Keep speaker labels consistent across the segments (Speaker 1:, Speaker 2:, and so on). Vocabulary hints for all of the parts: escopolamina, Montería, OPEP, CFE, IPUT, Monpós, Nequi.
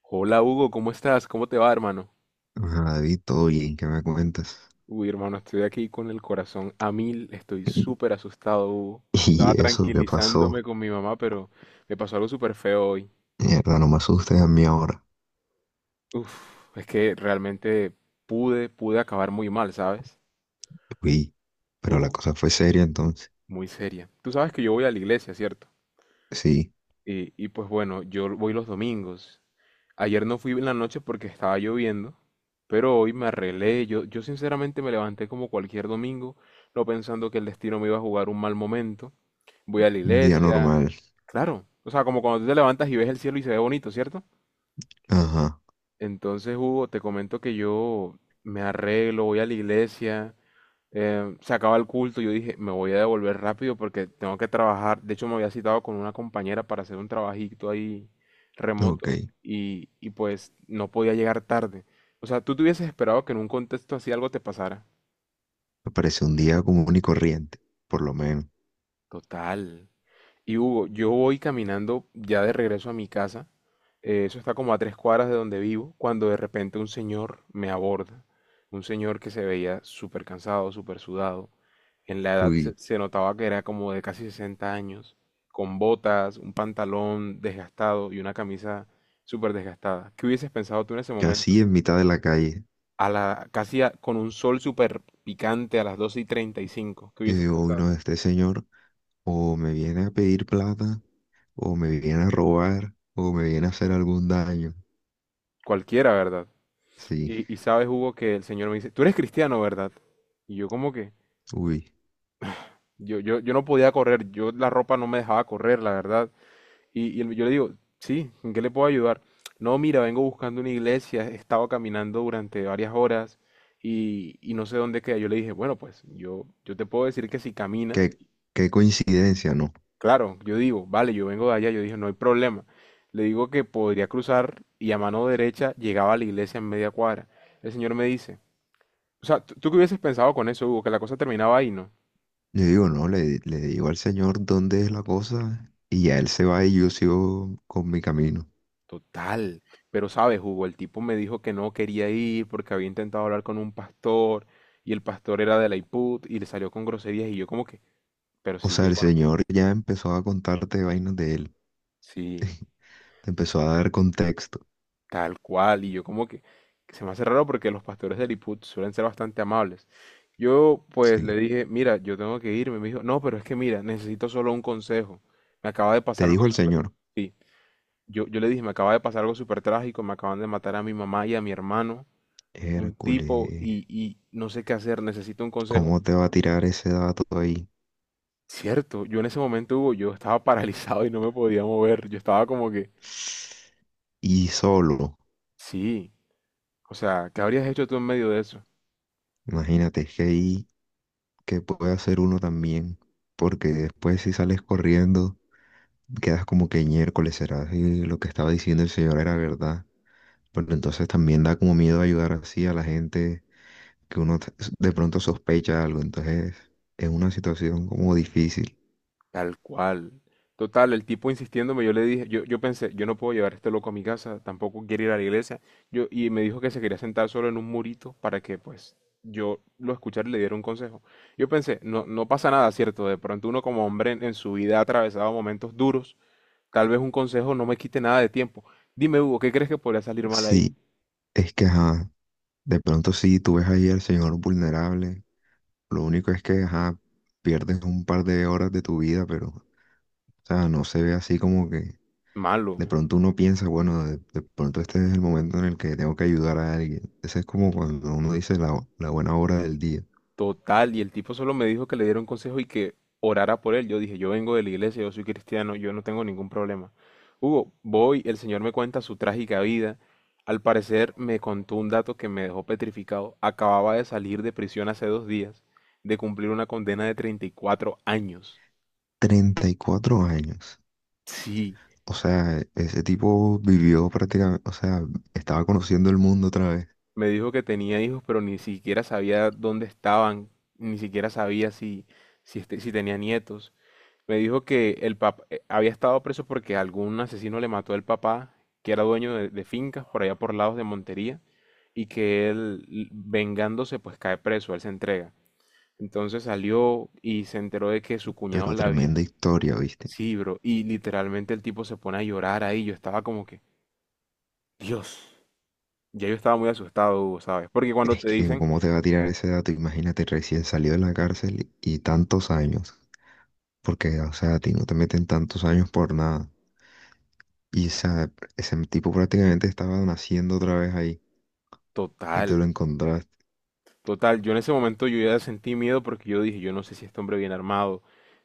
Speaker 1: Hola Hugo, ¿cómo estás? ¿Cómo te va, hermano?
Speaker 2: Hola, David, todo bien, ¿qué me cuentas?
Speaker 1: Uy, hermano, estoy aquí con el corazón a mil, estoy súper asustado, Hugo. Estaba
Speaker 2: ¿Y eso qué
Speaker 1: tranquilizándome
Speaker 2: pasó?
Speaker 1: con mi mamá, pero me pasó algo súper feo hoy.
Speaker 2: Mierda, no me asustes a mí ahora.
Speaker 1: Uf, es que realmente pude acabar muy mal, ¿sabes?
Speaker 2: Uy, pero la
Speaker 1: Uh,
Speaker 2: cosa fue seria entonces.
Speaker 1: Muy seria. Tú sabes que yo voy a la iglesia, ¿cierto?
Speaker 2: Sí,
Speaker 1: Y pues bueno, yo voy los domingos. Ayer no fui en la noche porque estaba lloviendo, pero hoy me arreglé. Yo sinceramente me levanté como cualquier domingo, no pensando que el destino me iba a jugar un mal momento. Voy a la
Speaker 2: un día
Speaker 1: iglesia.
Speaker 2: normal.
Speaker 1: Claro, o sea, como cuando tú te levantas y ves el cielo y se ve bonito, ¿cierto?
Speaker 2: Ajá,
Speaker 1: Entonces, Hugo, te comento que yo me arreglo, voy a la iglesia, se acaba el culto, yo dije, me voy a devolver rápido porque tengo que trabajar. De hecho, me había citado con una compañera para hacer un trabajito ahí
Speaker 2: ok.
Speaker 1: remoto y pues no podía llegar tarde. O sea, tú te hubieses esperado que en un contexto así algo te pasara.
Speaker 2: Me parece un día común y corriente, por lo menos.
Speaker 1: Total. Y Hugo, yo voy caminando ya de regreso a mi casa. Eso está como a 3 cuadras de donde vivo, cuando de repente un señor me aborda. Un señor que se veía súper cansado, súper sudado. En la edad se,
Speaker 2: Uy,
Speaker 1: se notaba que era como de casi 60 años, con botas, un pantalón desgastado y una camisa súper desgastada. ¿Qué hubieses pensado tú en ese momento?
Speaker 2: casi en mitad de la calle.
Speaker 1: A la, casi a- con un sol súper picante a las 12:35. ¿Qué
Speaker 2: Yo
Speaker 1: hubieses
Speaker 2: digo, uy,
Speaker 1: pensado?
Speaker 2: no, este señor o me viene a pedir plata, o me viene a robar, o me viene a hacer algún daño.
Speaker 1: Cualquiera, ¿verdad?
Speaker 2: Sí,
Speaker 1: Y sabes, Hugo, que el Señor me dice, tú eres cristiano, ¿verdad? Y yo como que,
Speaker 2: uy,
Speaker 1: yo no podía correr, yo la ropa no me dejaba correr, la verdad. Yo le digo, sí, ¿en qué le puedo ayudar? No, mira, vengo buscando una iglesia, he estado caminando durante varias horas y no sé dónde queda. Yo le dije, bueno, pues yo te puedo decir que si caminas,
Speaker 2: qué, qué coincidencia, ¿no?
Speaker 1: claro, yo digo, vale, yo vengo de allá, yo dije, no hay problema. Le digo que podría cruzar y a mano derecha llegaba a la iglesia en media cuadra. El señor me dice, o sea, ¿tú qué hubieses pensado con eso, Hugo? Que la cosa terminaba ahí, ¿no?
Speaker 2: Yo digo, no, le digo al Señor dónde es la cosa y ya Él se va y yo sigo con mi camino.
Speaker 1: Total, pero sabes, Hugo, el tipo me dijo que no quería ir porque había intentado hablar con un pastor y el pastor era de la IPUT y le salió con groserías y yo como que, pero
Speaker 2: O
Speaker 1: si
Speaker 2: sea,
Speaker 1: yo
Speaker 2: el
Speaker 1: conozco,
Speaker 2: Señor ya empezó a contarte vainas de Él.
Speaker 1: sí,
Speaker 2: Te empezó a dar contexto,
Speaker 1: tal cual, y yo como que se me hace raro porque los pastores del IPUT suelen ser bastante amables. Yo pues le
Speaker 2: sí.
Speaker 1: dije, mira, yo tengo que irme, me dijo, no, pero es que mira, necesito solo un consejo, me acaba de pasar
Speaker 2: Te
Speaker 1: algo
Speaker 2: dijo el
Speaker 1: súper,
Speaker 2: Señor,
Speaker 1: sí, yo le dije, me acaba de pasar algo súper trágico, me acaban de matar a mi mamá y a mi hermano. Un tipo
Speaker 2: Hércules,
Speaker 1: y no sé qué hacer, necesito un consejo.
Speaker 2: ¿cómo te va a tirar ese dato ahí?
Speaker 1: Cierto, yo en ese momento, Hugo, yo estaba paralizado y no me podía mover. Yo estaba como que,
Speaker 2: Y solo,
Speaker 1: sí, o sea, ¿qué habrías hecho tú en medio de eso?
Speaker 2: imagínate, es que ahí, que puede hacer uno también? Porque después si sales corriendo, quedas como que miércoles será si lo que estaba diciendo el Señor era verdad. Pero entonces también da como miedo ayudar así a la gente que de pronto sospecha algo. Entonces es una situación como difícil.
Speaker 1: Tal cual. Total, el tipo insistiéndome, yo le dije, yo pensé, yo no puedo llevar a este loco a mi casa, tampoco quiere ir a la iglesia. Yo, y me dijo que se quería sentar solo en un murito para que, pues, yo lo escuchara y le diera un consejo. Yo pensé, no, no pasa nada, ¿cierto? De pronto uno como hombre en su vida ha atravesado momentos duros. Tal vez un consejo no me quite nada de tiempo. Dime, Hugo, ¿qué crees que podría salir mal ahí?
Speaker 2: Sí, es que, ajá, de pronto sí, tú ves ahí al señor vulnerable. Lo único es que, ajá, pierdes un par de horas de tu vida, pero, o sea, no se ve así como que
Speaker 1: Malo,
Speaker 2: de pronto uno piensa, bueno, de pronto este es el momento en el que tengo que ayudar a alguien. Ese es como cuando uno dice la buena hora del día.
Speaker 1: total. Y el tipo solo me dijo que le diera un consejo y que orara por él. Yo dije, yo vengo de la iglesia, yo soy cristiano, yo no tengo ningún problema. Hugo, voy, el Señor me cuenta su trágica vida. Al parecer me contó un dato que me dejó petrificado. Acababa de salir de prisión hace 2 días, de cumplir una condena de 34 años.
Speaker 2: 34 años.
Speaker 1: Sí,
Speaker 2: O sea, ese tipo vivió prácticamente, o sea, estaba conociendo el mundo otra vez,
Speaker 1: me dijo que tenía hijos, pero ni siquiera sabía dónde estaban, ni siquiera sabía si, si tenía nietos. Me dijo que el papá había estado preso porque algún asesino le mató al papá, que era dueño de fincas por allá por lados de Montería, y que él, vengándose, pues cae preso, él se entrega. Entonces salió y se enteró de que su cuñado
Speaker 2: pero
Speaker 1: la había.
Speaker 2: tremenda historia, ¿viste?
Speaker 1: Sí, bro, y literalmente el tipo se pone a llorar ahí. Yo estaba como que, Dios, ya yo estaba muy asustado, Hugo, ¿sabes? Porque cuando
Speaker 2: Es
Speaker 1: te
Speaker 2: que,
Speaker 1: dicen,
Speaker 2: ¿cómo te va a tirar ese dato? Imagínate, recién salió de la cárcel y tantos años, porque, o sea, a ti no te meten tantos años por nada. Y esa, Ese tipo prácticamente estaba naciendo otra vez ahí y te
Speaker 1: Total,
Speaker 2: lo encontraste.
Speaker 1: total. Yo en ese momento yo ya sentí miedo porque yo dije, yo no sé si este hombre viene armado.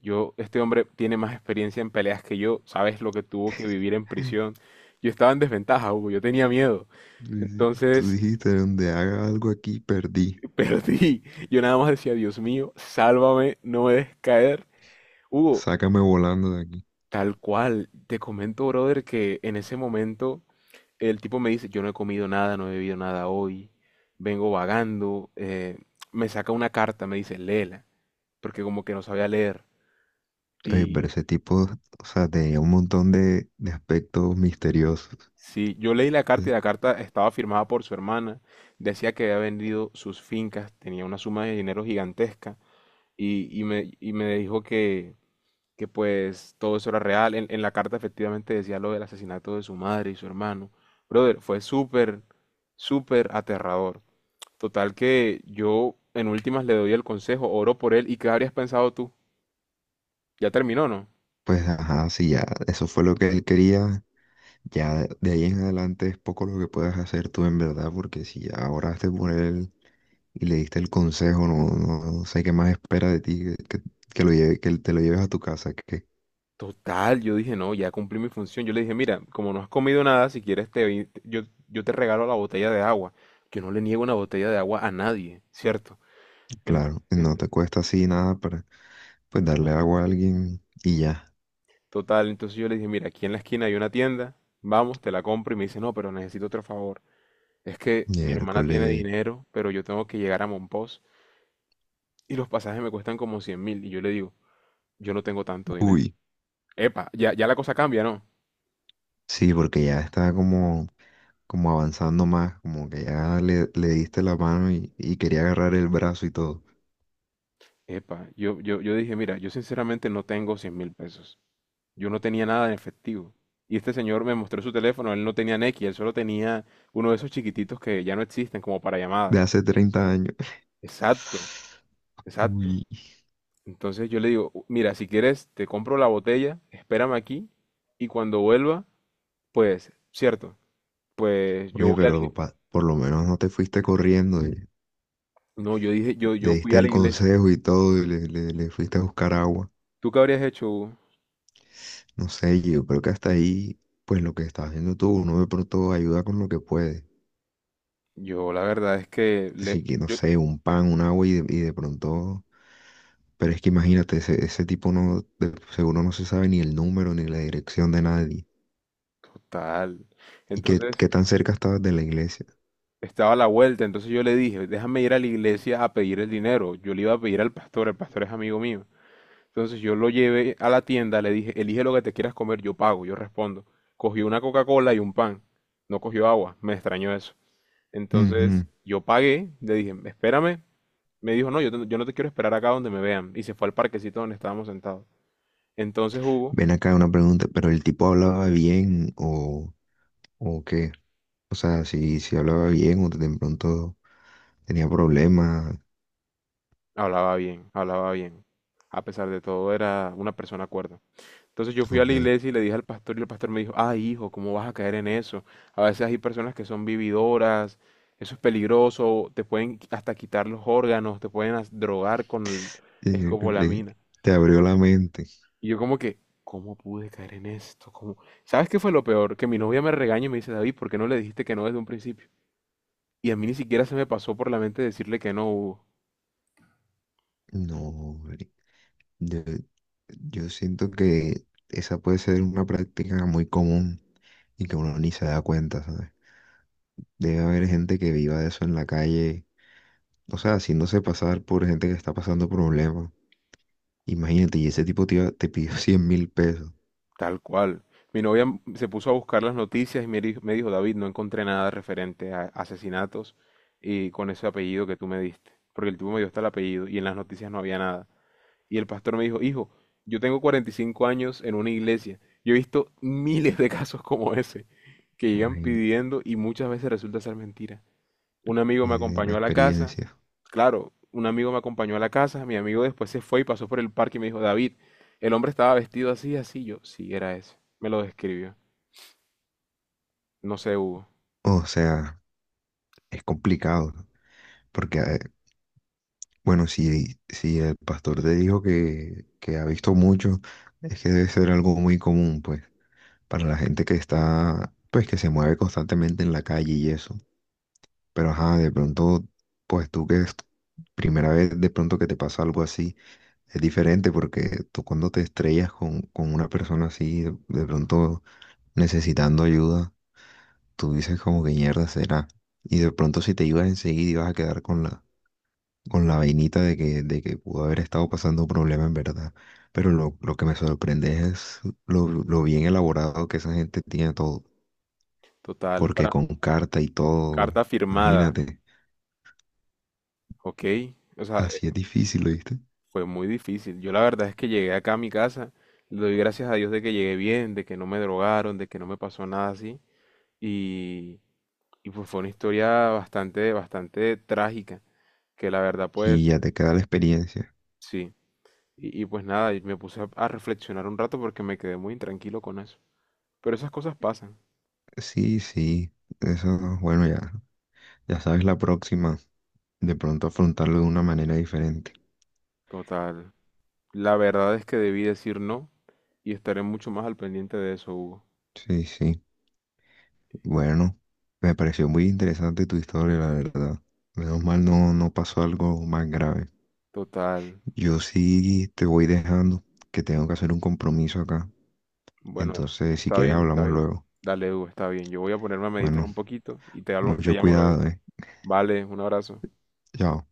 Speaker 1: Yo, este hombre tiene más experiencia en peleas que yo. Sabes lo que tuvo que vivir en prisión. Yo estaba en desventaja, Hugo. Yo tenía miedo.
Speaker 2: Tú
Speaker 1: Entonces
Speaker 2: dijiste, donde haga algo aquí, perdí.
Speaker 1: perdí. Yo nada más decía, Dios mío, sálvame, no me dejes caer. Hugo,
Speaker 2: Sácame volando de aquí.
Speaker 1: tal cual. Te comento, brother, que en ese momento el tipo me dice, yo no he comido nada, no he bebido nada hoy. Vengo vagando. Me saca una carta, me dice, léela, porque como que no sabía leer.
Speaker 2: Ver
Speaker 1: Y
Speaker 2: ese tipo, o sea, tenía un montón de aspectos misteriosos.
Speaker 1: sí, yo leí la carta y
Speaker 2: Es-
Speaker 1: la carta estaba firmada por su hermana. Decía que había vendido sus fincas, tenía una suma de dinero gigantesca y me dijo que, pues todo eso era real. En la carta efectivamente decía lo del asesinato de su madre y su hermano. Brother, fue súper, súper aterrador. Total que yo en últimas le doy el consejo, oro por él. ¿Y qué habrías pensado tú? Ya terminó, ¿no?
Speaker 2: Pues, ajá, si ya eso fue lo que él quería, ya de ahí en adelante es poco lo que puedas hacer tú en verdad, porque si ya oraste por él y le diste el consejo, no, no, no sé qué más espera de ti, que lo lleve, que te lo lleves a tu casa, que
Speaker 1: Total, yo dije, no, ya cumplí mi función. Yo le dije, mira, como no has comido nada, si quieres yo te regalo la botella de agua. Yo no le niego una botella de agua a nadie, ¿cierto? En,
Speaker 2: claro,
Speaker 1: en-
Speaker 2: no te cuesta así nada para, pues, darle agua a alguien y ya,
Speaker 1: total, entonces yo le dije, mira, aquí en la esquina hay una tienda, vamos, te la compro. Y me dice, no, pero necesito otro favor. Es que mi hermana tiene
Speaker 2: miércoles,
Speaker 1: dinero, pero yo tengo que llegar a Monpós y los pasajes me cuestan como 100.000. Y yo le digo, yo no tengo tanto dinero.
Speaker 2: uy.
Speaker 1: Epa, ya, ya la cosa cambia, ¿no?
Speaker 2: Sí, porque ya está como como avanzando más, como que ya le diste la mano y quería agarrar el brazo y todo,
Speaker 1: Epa, yo dije, mira, yo sinceramente no tengo 100.000 pesos. Yo no tenía nada en efectivo. Y este señor me mostró su teléfono, él no tenía Nequi, él solo tenía uno de esos chiquititos que ya no existen como para llamadas.
Speaker 2: de hace 30 años.
Speaker 1: Exacto, exacto.
Speaker 2: Uy.
Speaker 1: Entonces yo le digo, "Mira, si quieres te compro la botella, espérame aquí y cuando vuelva, pues, cierto, pues yo
Speaker 2: Oye,
Speaker 1: voy a la
Speaker 2: pero
Speaker 1: iglesia".
Speaker 2: por lo menos no te fuiste corriendo, y
Speaker 1: No, yo dije, yo,
Speaker 2: le
Speaker 1: yo fui
Speaker 2: diste
Speaker 1: a la
Speaker 2: el
Speaker 1: iglesia.
Speaker 2: consejo y todo, y le fuiste a buscar agua.
Speaker 1: ¿Tú qué habrías hecho, Hugo?
Speaker 2: No sé, yo creo que hasta ahí, pues lo que estás haciendo tú, uno de pronto ayuda con lo que puede.
Speaker 1: Yo la verdad es que le,
Speaker 2: Así que, no
Speaker 1: yo,
Speaker 2: sé, un pan, un agua y de pronto... Pero es que imagínate, ese tipo no, seguro no se sabe ni el número ni la dirección de nadie.
Speaker 1: total.
Speaker 2: ¿Y qué,
Speaker 1: Entonces,
Speaker 2: qué tan cerca estabas de la iglesia?
Speaker 1: estaba a la vuelta, entonces yo le dije, déjame ir a la iglesia a pedir el dinero. Yo le iba a pedir al pastor, el pastor es amigo mío. Entonces yo lo llevé a la tienda, le dije, elige lo que te quieras comer, yo pago, yo respondo. Cogió una Coca-Cola y un pan, no cogió agua, me extrañó eso. Entonces
Speaker 2: Ujú.
Speaker 1: yo pagué, le dije, espérame. Me dijo, no, yo, yo no te quiero esperar acá donde me vean. Y se fue al parquecito donde estábamos sentados. Entonces Hugo
Speaker 2: Ven acá una pregunta, pero el tipo hablaba bien o, ¿o qué? O sea, si, si hablaba bien o de pronto tenía problemas,
Speaker 1: hablaba bien, hablaba bien. A pesar de todo, era una persona cuerda. Entonces yo fui a
Speaker 2: ok.
Speaker 1: la iglesia y le dije al pastor y el pastor me dijo, ah, hijo, ¿cómo vas a caer en eso? A veces hay personas que son vividoras, eso es peligroso, te pueden hasta quitar los órganos, te pueden drogar con
Speaker 2: Y le-
Speaker 1: escopolamina.
Speaker 2: te abrió la mente.
Speaker 1: Y yo como que, ¿cómo pude caer en esto? ¿Cómo? ¿Sabes qué fue lo peor? Que mi novia me regaña y me dice, David, ¿por qué no le dijiste que no desde un principio? Y a mí ni siquiera se me pasó por la mente decirle que no, Hugo.
Speaker 2: No, marica, yo, yo siento que esa puede ser una práctica muy común y que uno ni se da cuenta, ¿sabes? Debe haber gente que viva de eso en la calle, o sea, haciéndose pasar por gente que está pasando problemas. Imagínate, y ese tipo te, te pidió 100.000 pesos.
Speaker 1: Tal cual. Mi novia se puso a buscar las noticias y me dijo, David, no encontré nada referente a asesinatos y con ese apellido que tú me diste. Porque el tipo me dio hasta el apellido y en las noticias no había nada. Y el pastor me dijo, hijo, yo tengo 45 años en una iglesia. Yo he visto miles de casos como ese que llegan
Speaker 2: Imagínate,
Speaker 1: pidiendo y muchas veces resulta ser mentira. Un amigo me
Speaker 2: y de la
Speaker 1: acompañó a la casa.
Speaker 2: experiencia.
Speaker 1: Claro, un amigo me acompañó a la casa. Mi amigo después se fue y pasó por el parque y me dijo, David, el hombre estaba vestido así, así. Yo, sí, era ese. Me lo describió. No sé, Hugo.
Speaker 2: O sea, es complicado, ¿no? Porque, bueno, si, si el pastor te dijo que ha visto mucho, es que debe ser algo muy común, pues, para la gente que está, pues, que se mueve constantemente en la calle y eso. Pero, ajá, de pronto, pues tú que es tu primera vez de pronto que te pasa algo así, es diferente porque tú cuando te estrellas con una persona así, de pronto necesitando ayuda, tú dices como que mierda será. Y de pronto si te ibas enseguida ibas a quedar con con la vainita de que pudo haber estado pasando un problema en verdad. Pero lo que me sorprende es lo bien elaborado que esa gente tiene todo.
Speaker 1: Total,
Speaker 2: Porque
Speaker 1: para
Speaker 2: con carta y todo,
Speaker 1: carta firmada,
Speaker 2: imagínate,
Speaker 1: ¿ok? O sea,
Speaker 2: así es difícil, ¿viste?
Speaker 1: fue muy difícil. Yo la verdad es que llegué acá a mi casa. Le doy gracias a Dios de que llegué bien, de que no me drogaron, de que no me pasó nada así. Y, y pues fue una historia bastante, bastante trágica, que la verdad
Speaker 2: Y
Speaker 1: pues
Speaker 2: ya te queda la experiencia.
Speaker 1: sí. Y pues nada, y me puse a reflexionar un rato porque me quedé muy intranquilo con eso. Pero esas cosas pasan.
Speaker 2: Sí, sí, eso, bueno, ya, ya sabes la próxima, de pronto afrontarlo de una manera diferente.
Speaker 1: Total. La verdad es que debí decir no y estaré mucho más al pendiente de eso, Hugo.
Speaker 2: Sí, sí. Bueno, me pareció muy interesante tu historia, la verdad. Menos mal no, no pasó algo más grave.
Speaker 1: Total.
Speaker 2: Yo sí te voy dejando que tengo que hacer un compromiso acá.
Speaker 1: Bueno,
Speaker 2: Entonces, si
Speaker 1: está
Speaker 2: quieres,
Speaker 1: bien, está
Speaker 2: hablamos
Speaker 1: bien.
Speaker 2: luego.
Speaker 1: Dale, Hugo, está bien. Yo voy a ponerme a meditar
Speaker 2: Bueno,
Speaker 1: un poquito y te
Speaker 2: mucho
Speaker 1: llamo luego.
Speaker 2: cuidado, ¿eh?
Speaker 1: Vale, un abrazo.
Speaker 2: Chao.